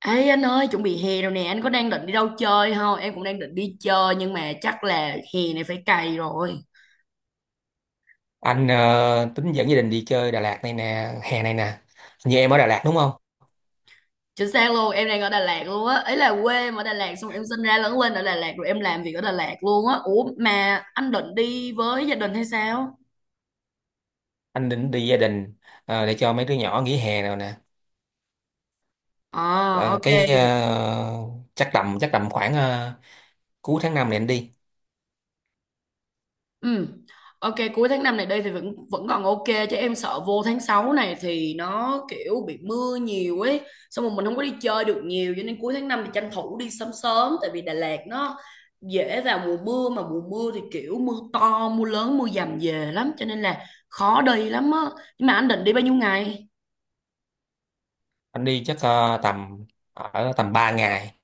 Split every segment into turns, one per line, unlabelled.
Ê anh ơi, chuẩn bị hè rồi nè, anh có đang định đi đâu chơi không? Em cũng đang định đi chơi nhưng mà chắc là hè này phải cày rồi.
Anh tính dẫn gia đình đi chơi Đà Lạt này nè, hè này nè. Như em ở Đà Lạt đúng không?
Chính xác luôn, em đang ở Đà Lạt luôn á. Ấy là quê em ở Đà Lạt, xong em sinh ra lớn lên ở Đà Lạt rồi em làm việc ở Đà Lạt luôn á. Ủa mà anh định đi với gia đình hay sao?
Anh định đi gia đình để cho mấy đứa nhỏ nghỉ hè nào nè.
À.
Ờ,
Ok.
cái ờ, chắc tầm khoảng cuối tháng 5 này anh đi.
Ừ. Ok, cuối tháng 5 này đây thì vẫn vẫn còn ok, chứ em sợ vô tháng 6 này thì nó kiểu bị mưa nhiều ấy, xong rồi mình không có đi chơi được nhiều, cho nên cuối tháng 5 thì tranh thủ đi sớm sớm, tại vì Đà Lạt nó dễ vào mùa mưa, mà mùa mưa thì kiểu mưa to, mưa lớn, mưa dầm về lắm cho nên là khó đi lắm á. Nhưng mà anh định đi bao nhiêu ngày?
Anh đi chắc tầm 3 ngày.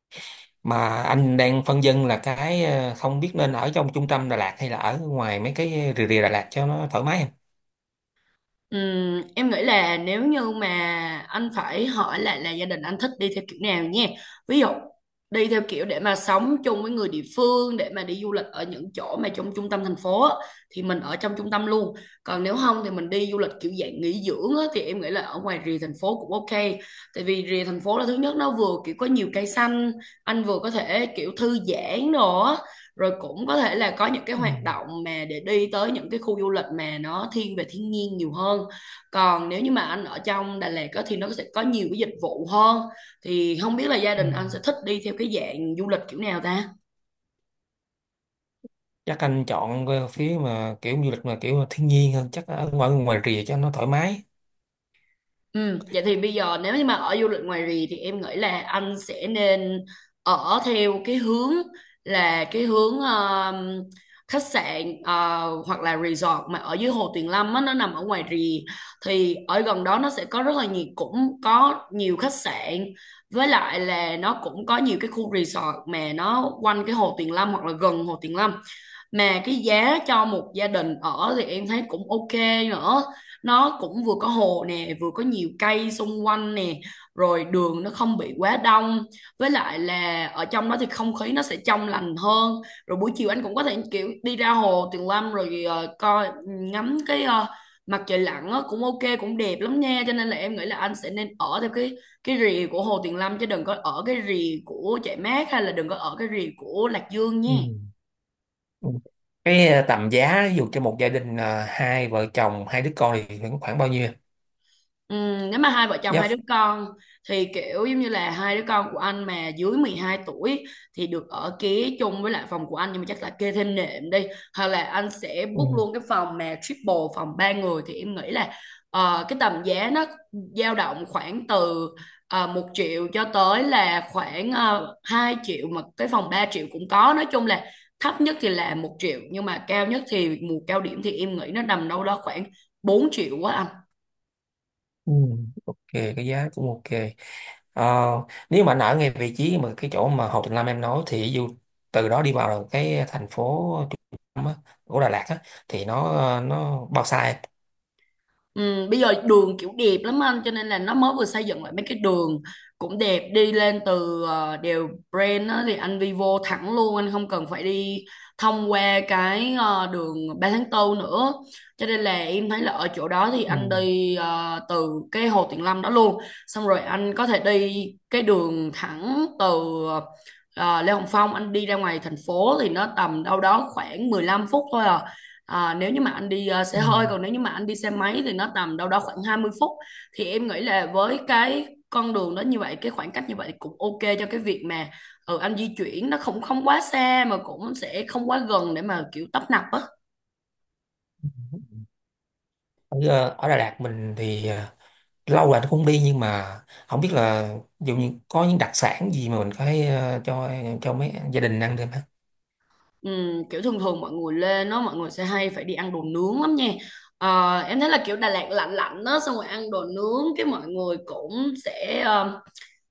Mà anh đang phân vân là không biết nên ở trong trung tâm Đà Lạt hay là ở ngoài mấy cái rìa rìa Đà Lạt cho nó thoải mái em.
Em nghĩ là nếu như mà anh phải hỏi lại là gia đình anh thích đi theo kiểu nào nha. Ví dụ đi theo kiểu để mà sống chung với người địa phương, để mà đi du lịch ở những chỗ mà trong trung tâm thành phố á, thì mình ở trong trung tâm luôn. Còn nếu không thì mình đi du lịch kiểu dạng nghỉ dưỡng á, thì em nghĩ là ở ngoài rìa thành phố cũng ok. Tại vì rìa thành phố là thứ nhất nó vừa kiểu có nhiều cây xanh, anh vừa có thể kiểu thư giãn đồ á, rồi cũng có thể là có những cái
Ừ.
hoạt động mà để đi tới những cái khu du lịch mà nó thiên về thiên nhiên nhiều hơn. Còn nếu như mà anh ở trong Đà Lạt á, thì nó sẽ có nhiều cái dịch vụ hơn. Thì không biết là gia
Ừ.
đình anh sẽ thích đi theo cái dạng du lịch kiểu nào ta?
Chắc anh chọn phía mà kiểu du lịch mà kiểu thiên nhiên hơn, chắc ở ngoài ngoài rìa cho nó thoải mái.
Ừ, vậy thì bây giờ nếu như mà ở du lịch ngoài rì thì em nghĩ là anh sẽ nên ở theo cái hướng khách sạn, hoặc là resort mà ở dưới Hồ Tuyền Lâm á, nó nằm ở ngoài rì. Thì ở gần đó nó sẽ có rất là nhiều, cũng có nhiều khách sạn, với lại là nó cũng có nhiều cái khu resort mà nó quanh cái Hồ Tuyền Lâm hoặc là gần Hồ Tuyền Lâm, mà cái giá cho một gia đình ở thì em thấy cũng ok nữa. Nó cũng vừa có hồ nè, vừa có nhiều cây xung quanh nè, rồi đường nó không bị quá đông, với lại là ở trong đó thì không khí nó sẽ trong lành hơn. Rồi buổi chiều anh cũng có thể kiểu đi ra hồ Tuyền Lâm rồi coi ngắm cái mặt trời lặn á, cũng ok cũng đẹp lắm nha, cho nên là em nghĩ là anh sẽ nên ở theo cái rìa của Hồ Tuyền Lâm chứ đừng có ở cái rìa của Trại Mát hay là đừng có ở cái rìa của Lạc Dương nha.
Ừ. Ừ. Tầm giá ví dụ cho một gia đình hai vợ chồng hai đứa con thì khoảng khoảng bao nhiêu?
Ừ, nếu mà hai vợ chồng
Giá.
hai đứa con thì kiểu giống như là hai đứa con của anh mà dưới 12 tuổi thì được ở kia chung với lại phòng của anh, nhưng mà chắc là kê thêm nệm đi, hoặc là anh sẽ
Ừ.
book luôn cái phòng mà triple, phòng ba người, thì em nghĩ là cái tầm giá nó dao động khoảng từ 1 triệu cho tới là khoảng 2 triệu, mà cái phòng 3 triệu cũng có. Nói chung là thấp nhất thì là 1 triệu nhưng mà cao nhất thì mùa cao điểm thì em nghĩ nó nằm đâu đó khoảng 4 triệu quá.
Ừ. Ok, cái giá cũng ok. Ờ, nếu mà anh ở ngay vị trí mà cái chỗ mà Hồ Tùng Lâm em nói thì ví dụ từ đó đi vào cái thành phố trung tâm á, của Đà Lạt á, thì nó bao xa em?
Ừ, bây giờ đường kiểu đẹp lắm anh, cho nên là nó mới vừa xây dựng lại mấy cái đường cũng đẹp, đi lên từ đèo Bren á, thì anh đi vô thẳng luôn, anh không cần phải đi thông qua cái đường Ba tháng 4 nữa, cho nên là em thấy là ở chỗ đó thì anh
Ừ.
đi từ cái Hồ Tuyền Lâm đó luôn, xong rồi anh có thể đi cái đường thẳng từ ờ, Lê Hồng Phong, anh đi ra ngoài thành phố thì nó tầm đâu đó khoảng 15 phút thôi à. À, nếu như mà anh đi xe
Ừ.
hơi, còn nếu như mà anh đi xe máy thì nó tầm đâu đó khoảng 20 phút, thì em nghĩ là với cái con đường đó như vậy, cái khoảng cách như vậy cũng ok cho cái việc mà ừ, anh di chuyển nó không không quá xa, mà cũng sẽ không quá gần để mà kiểu tấp nập á.
Ở Đà Lạt mình thì lâu rồi nó cũng đi, nhưng mà không biết là ví dụ như có những đặc sản gì mà mình có thể cho mấy gia đình ăn được.
Kiểu thường thường mọi người lên nó, mọi người sẽ hay phải đi ăn đồ nướng lắm nha. Ờ, em thấy là kiểu Đà Lạt lạnh lạnh đó, xong rồi ăn đồ nướng cái mọi người cũng sẽ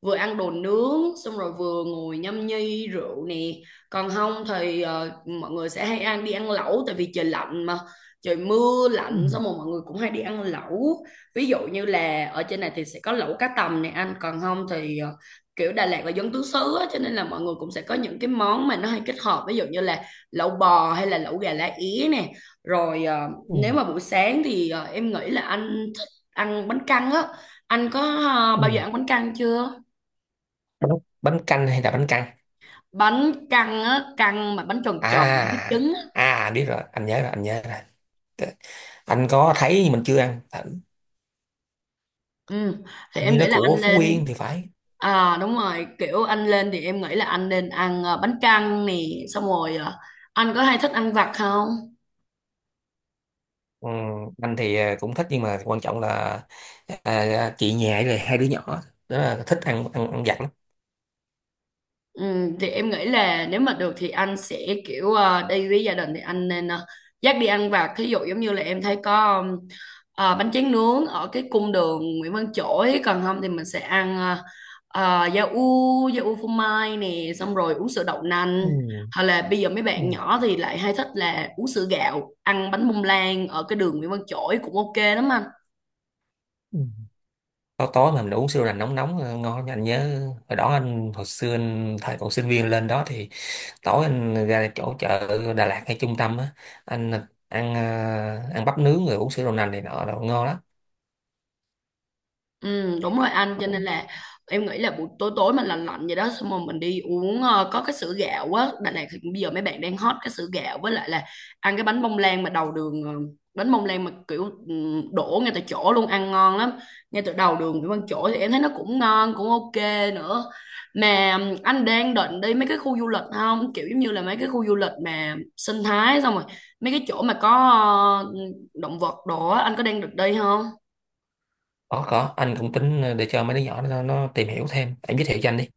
vừa ăn đồ nướng xong rồi vừa ngồi nhâm nhi rượu nè. Còn không thì mọi người sẽ hay đi ăn lẩu, tại vì trời lạnh mà, trời mưa
Ừ,
lạnh xong rồi mọi người cũng hay đi ăn lẩu. Ví dụ như là ở trên này thì sẽ có lẩu cá tầm này anh, còn không thì kiểu Đà Lạt là dân tứ xứ á, cho nên là mọi người cũng sẽ có những cái món mà nó hay kết hợp, ví dụ như là lẩu bò hay là lẩu gà lá é nè. Rồi nếu
ừ,
mà buổi sáng thì em nghĩ là anh thích ăn bánh căn á. Anh có
ừ.
bao giờ ăn bánh căn chưa?
Bánh ốc, bánh canh hay là bánh căn?
Bánh căn á, căn mà bánh tròn tròn với
À,
trứng á.
à, biết rồi, anh nhớ rồi, anh nhớ rồi. T- anh có thấy nhưng mình chưa ăn. Hình
Ừ, thì
hình
em
như nó
nghĩ là
của
anh
Phú Yên
lên.
thì phải.
À đúng rồi, kiểu anh lên thì em nghĩ là anh nên ăn bánh căn nè, xong rồi anh có hay thích ăn vặt không?
Ừ, anh thì cũng thích, nhưng mà quan trọng là à, à, chị nhà rồi hai đứa nhỏ đó là thích ăn ăn ăn vặt lắm.
Ừ, thì em nghĩ là nếu mà được thì anh sẽ kiểu đi với gia đình thì anh nên dắt đi ăn vặt, thí dụ giống như là em thấy có bánh tráng nướng ở cái cung đường Nguyễn Văn Chỗi, còn không thì mình sẽ ăn da u phô mai nè, xong rồi uống sữa đậu nành,
Ừ,
hoặc là bây giờ mấy bạn
ừ,
nhỏ thì lại hay thích là uống sữa gạo, ăn bánh bông lan ở cái đường Nguyễn Văn Chỗi cũng ok lắm anh.
ừ. Tối tối mà mình uống sữa là nóng nóng, ngon, anh nhớ hồi xưa anh thời còn sinh viên lên đó thì tối anh ra chỗ chợ Đà Lạt hay trung tâm á, anh ăn ờ, ăn bắp nướng rồi uống sữa đậu nành này nọ đồ ngon lắm.
Ừ, đúng rồi anh, cho nên là em nghĩ là buổi tối tối mà lạnh lạnh vậy đó, xong rồi mình đi uống có cái sữa gạo á. Đà Lạt thì bây giờ mấy bạn đang hot cái sữa gạo, với lại là ăn cái bánh bông lan mà đầu đường bánh bông lan mà kiểu đổ ngay tại chỗ luôn ăn ngon lắm, ngay từ đầu đường Nguyễn Văn Chỗi thì em thấy nó cũng ngon cũng ok nữa. Mà ừ, anh đang định đi mấy cái khu du lịch không, kiểu giống như là mấy cái khu du lịch mà sinh thái, xong rồi mấy cái chỗ mà có ờ, động vật đồ á, anh có đang được đi không?
Có, anh cũng tính để cho mấy đứa nhỏ nó tìm hiểu thêm, em giới thiệu cho anh đi.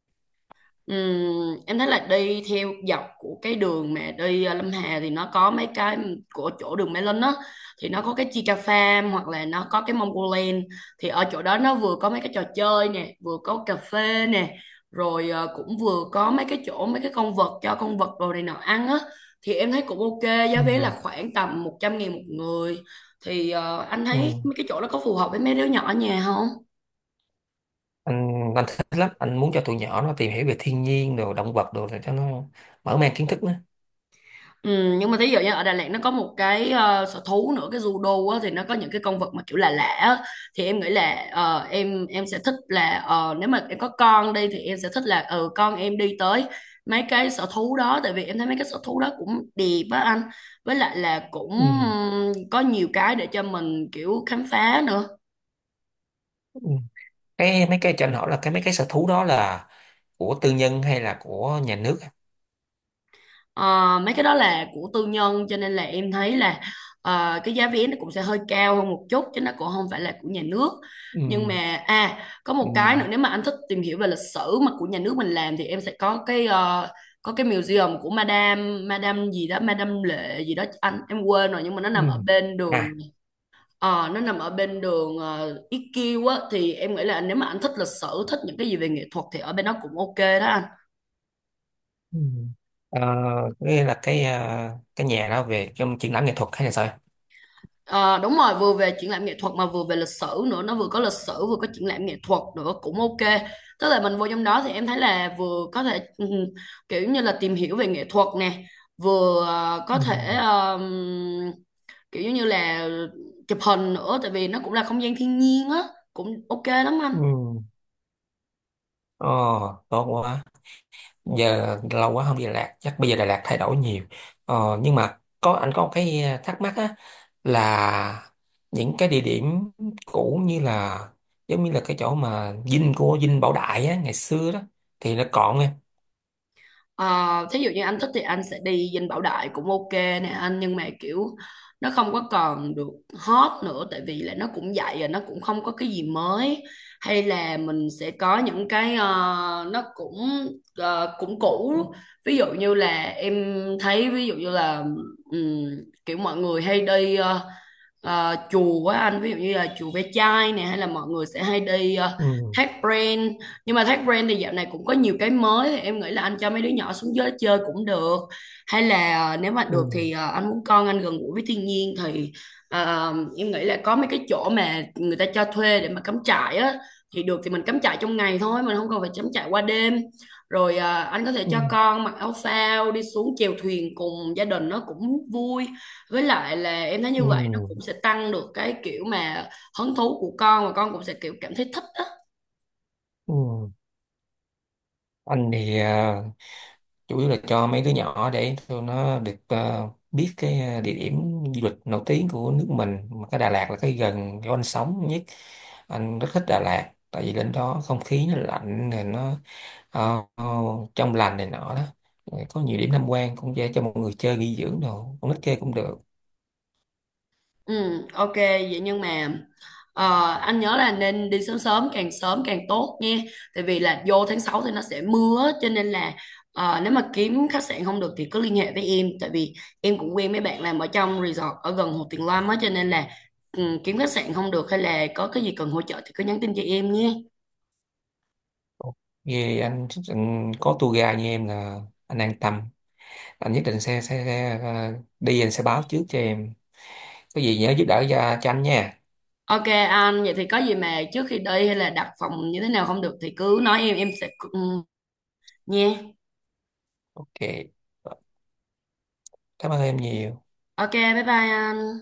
Em thấy là đi theo dọc của cái đường mà đi Lâm Hà thì nó có mấy cái của chỗ đường Mê Linh á, thì nó có cái Chica Farm hoặc là nó có cái Mongoland. Thì ở chỗ đó nó vừa có mấy cái trò chơi nè, vừa có cà phê nè, rồi cũng vừa có mấy cái chỗ mấy cái con vật cho con vật đồ này nọ ăn á, thì em thấy cũng ok. Giá vé
Ừ.
là khoảng tầm 100.000 một người, thì anh
Ừ.
thấy mấy cái chỗ đó có phù hợp với mấy đứa nhỏ ở nhà không?
anh thích lắm, anh muốn cho tụi nhỏ nó tìm hiểu về thiên nhiên đồ động vật đồ để cho nó mở mang kiến thức nữa.
Ừ, nhưng mà thí dụ như ở Đà Lạt nó có một cái sở thú nữa, cái judo á, thì nó có những cái con vật mà kiểu là lạ lạ á. Thì em nghĩ là em sẽ thích là nếu mà em có con đi thì em sẽ thích là ừ con em đi tới mấy cái sở thú đó, tại vì em thấy mấy cái sở thú đó cũng đẹp á anh, với lại là cũng
Ừ.
có nhiều cái để cho mình kiểu khám phá nữa.
Ừ. Mấy cái cho anh hỏi là cái mấy cái sở thú đó là của tư nhân hay là của nhà nước?
Ờ, mấy cái đó là của tư nhân cho nên là em thấy là cái giá vé nó cũng sẽ hơi cao hơn một chút chứ nó cũng không phải là của nhà nước.
Ừ.
Nhưng mà, à, có
Ừ.
một cái nữa, nếu mà anh thích tìm hiểu về lịch sử mà của nhà nước mình làm thì em sẽ có cái có cái museum của Madame Madame gì đó, Madame Lệ gì đó anh, em quên rồi, nhưng mà nó
Ừ.
nằm ở bên đường
À.
nó nằm ở bên đường IQ á, thì em nghĩ là nếu mà anh thích lịch sử, thích những cái gì về nghệ thuật thì ở bên đó cũng ok đó anh.
Ừ. Ờ, nghĩa là cái nhà đó về trong triển lãm nghệ thuật hay là sao?
Ờ, đúng rồi, vừa về triển lãm nghệ thuật mà vừa về lịch sử nữa, nó vừa có lịch sử vừa có triển lãm nghệ thuật nữa cũng ok. Tức là mình vô trong đó thì em thấy là vừa có thể kiểu như là tìm hiểu về nghệ thuật nè, vừa có thể
Ừ.
kiểu như là chụp hình nữa, tại vì nó cũng là không gian thiên nhiên á, cũng ok lắm anh.
Ừ. Ờ, tốt quá. Giờ lâu quá không đi Đà Lạt, chắc bây giờ Đà Lạt thay đổi nhiều. Ờ, nhưng mà anh có một cái thắc mắc á, là những cái địa điểm cũ, như là giống như là cái chỗ mà dinh Bảo Đại á ngày xưa đó thì nó còn em?
Ờ, thí dụ như anh thích thì anh sẽ đi Dinh Bảo Đại cũng ok nè anh, nhưng mà kiểu nó không có còn được hot nữa, tại vì là nó cũng vậy rồi, nó cũng không có cái gì mới, hay là mình sẽ có những cái nó cũng cũng cũ. Ví dụ như là em thấy, ví dụ như là ừm, kiểu mọi người hay đi chùa á anh, ví dụ như là chùa Ve Chai nè, hay là mọi người sẽ hay đi
Ừ.
Thác Pren, nhưng mà Thác Brand thì dạo này cũng có nhiều cái mới, thì em nghĩ là anh cho mấy đứa nhỏ xuống dưới chơi cũng được, hay là nếu mà
Ừ.
được thì anh muốn con anh gần gũi với thiên nhiên thì em nghĩ là có mấy cái chỗ mà người ta cho thuê để mà cắm trại á, thì được thì mình cắm trại trong ngày thôi, mình không cần phải cắm trại qua đêm. Rồi anh có thể cho
Ừ.
con mặc áo phao đi xuống chèo thuyền cùng gia đình, nó cũng vui, với lại là em thấy như
Ừ.
vậy nó cũng sẽ tăng được cái kiểu mà hứng thú của con, và con cũng sẽ kiểu cảm thấy thích á.
Ừ. Anh thì chủ yếu là cho mấy đứa nhỏ để tụi nó được biết cái địa điểm du lịch nổi tiếng của nước mình, mà cái Đà Lạt là cái gần chỗ anh sống nhất. Anh rất thích Đà Lạt, tại vì lên đó không khí nó lạnh rồi nó ờ, ờ, trong lành này nọ đó. Rồi có nhiều điểm tham quan cũng dễ, cho mọi người chơi nghỉ dưỡng đồ, con nít chơi cũng được.
Ừ, ok, vậy nhưng mà anh nhớ là nên đi sớm sớm càng tốt nha. Tại vì là vô tháng 6 thì nó sẽ mưa, cho nên là nếu mà kiếm khách sạn không được thì cứ liên hệ với em. Tại vì em cũng quen mấy bạn làm ở trong resort ở gần Hồ Tuyền Lâm á, cho nên là ừ, kiếm khách sạn không được hay là có cái gì cần hỗ trợ thì cứ nhắn tin cho em nhé.
Vì anh có tour guide như em là anh an tâm, anh nhất định sẽ đi, anh sẽ báo trước cho em, có gì nhớ giúp đỡ cho anh nha.
Ok anh, vậy thì có gì mà trước khi đi hay là đặt phòng như thế nào không được thì cứ nói em sẽ... Ừ, nha.
Ok. Cảm ơn em nhiều.
Ok, bye bye anh.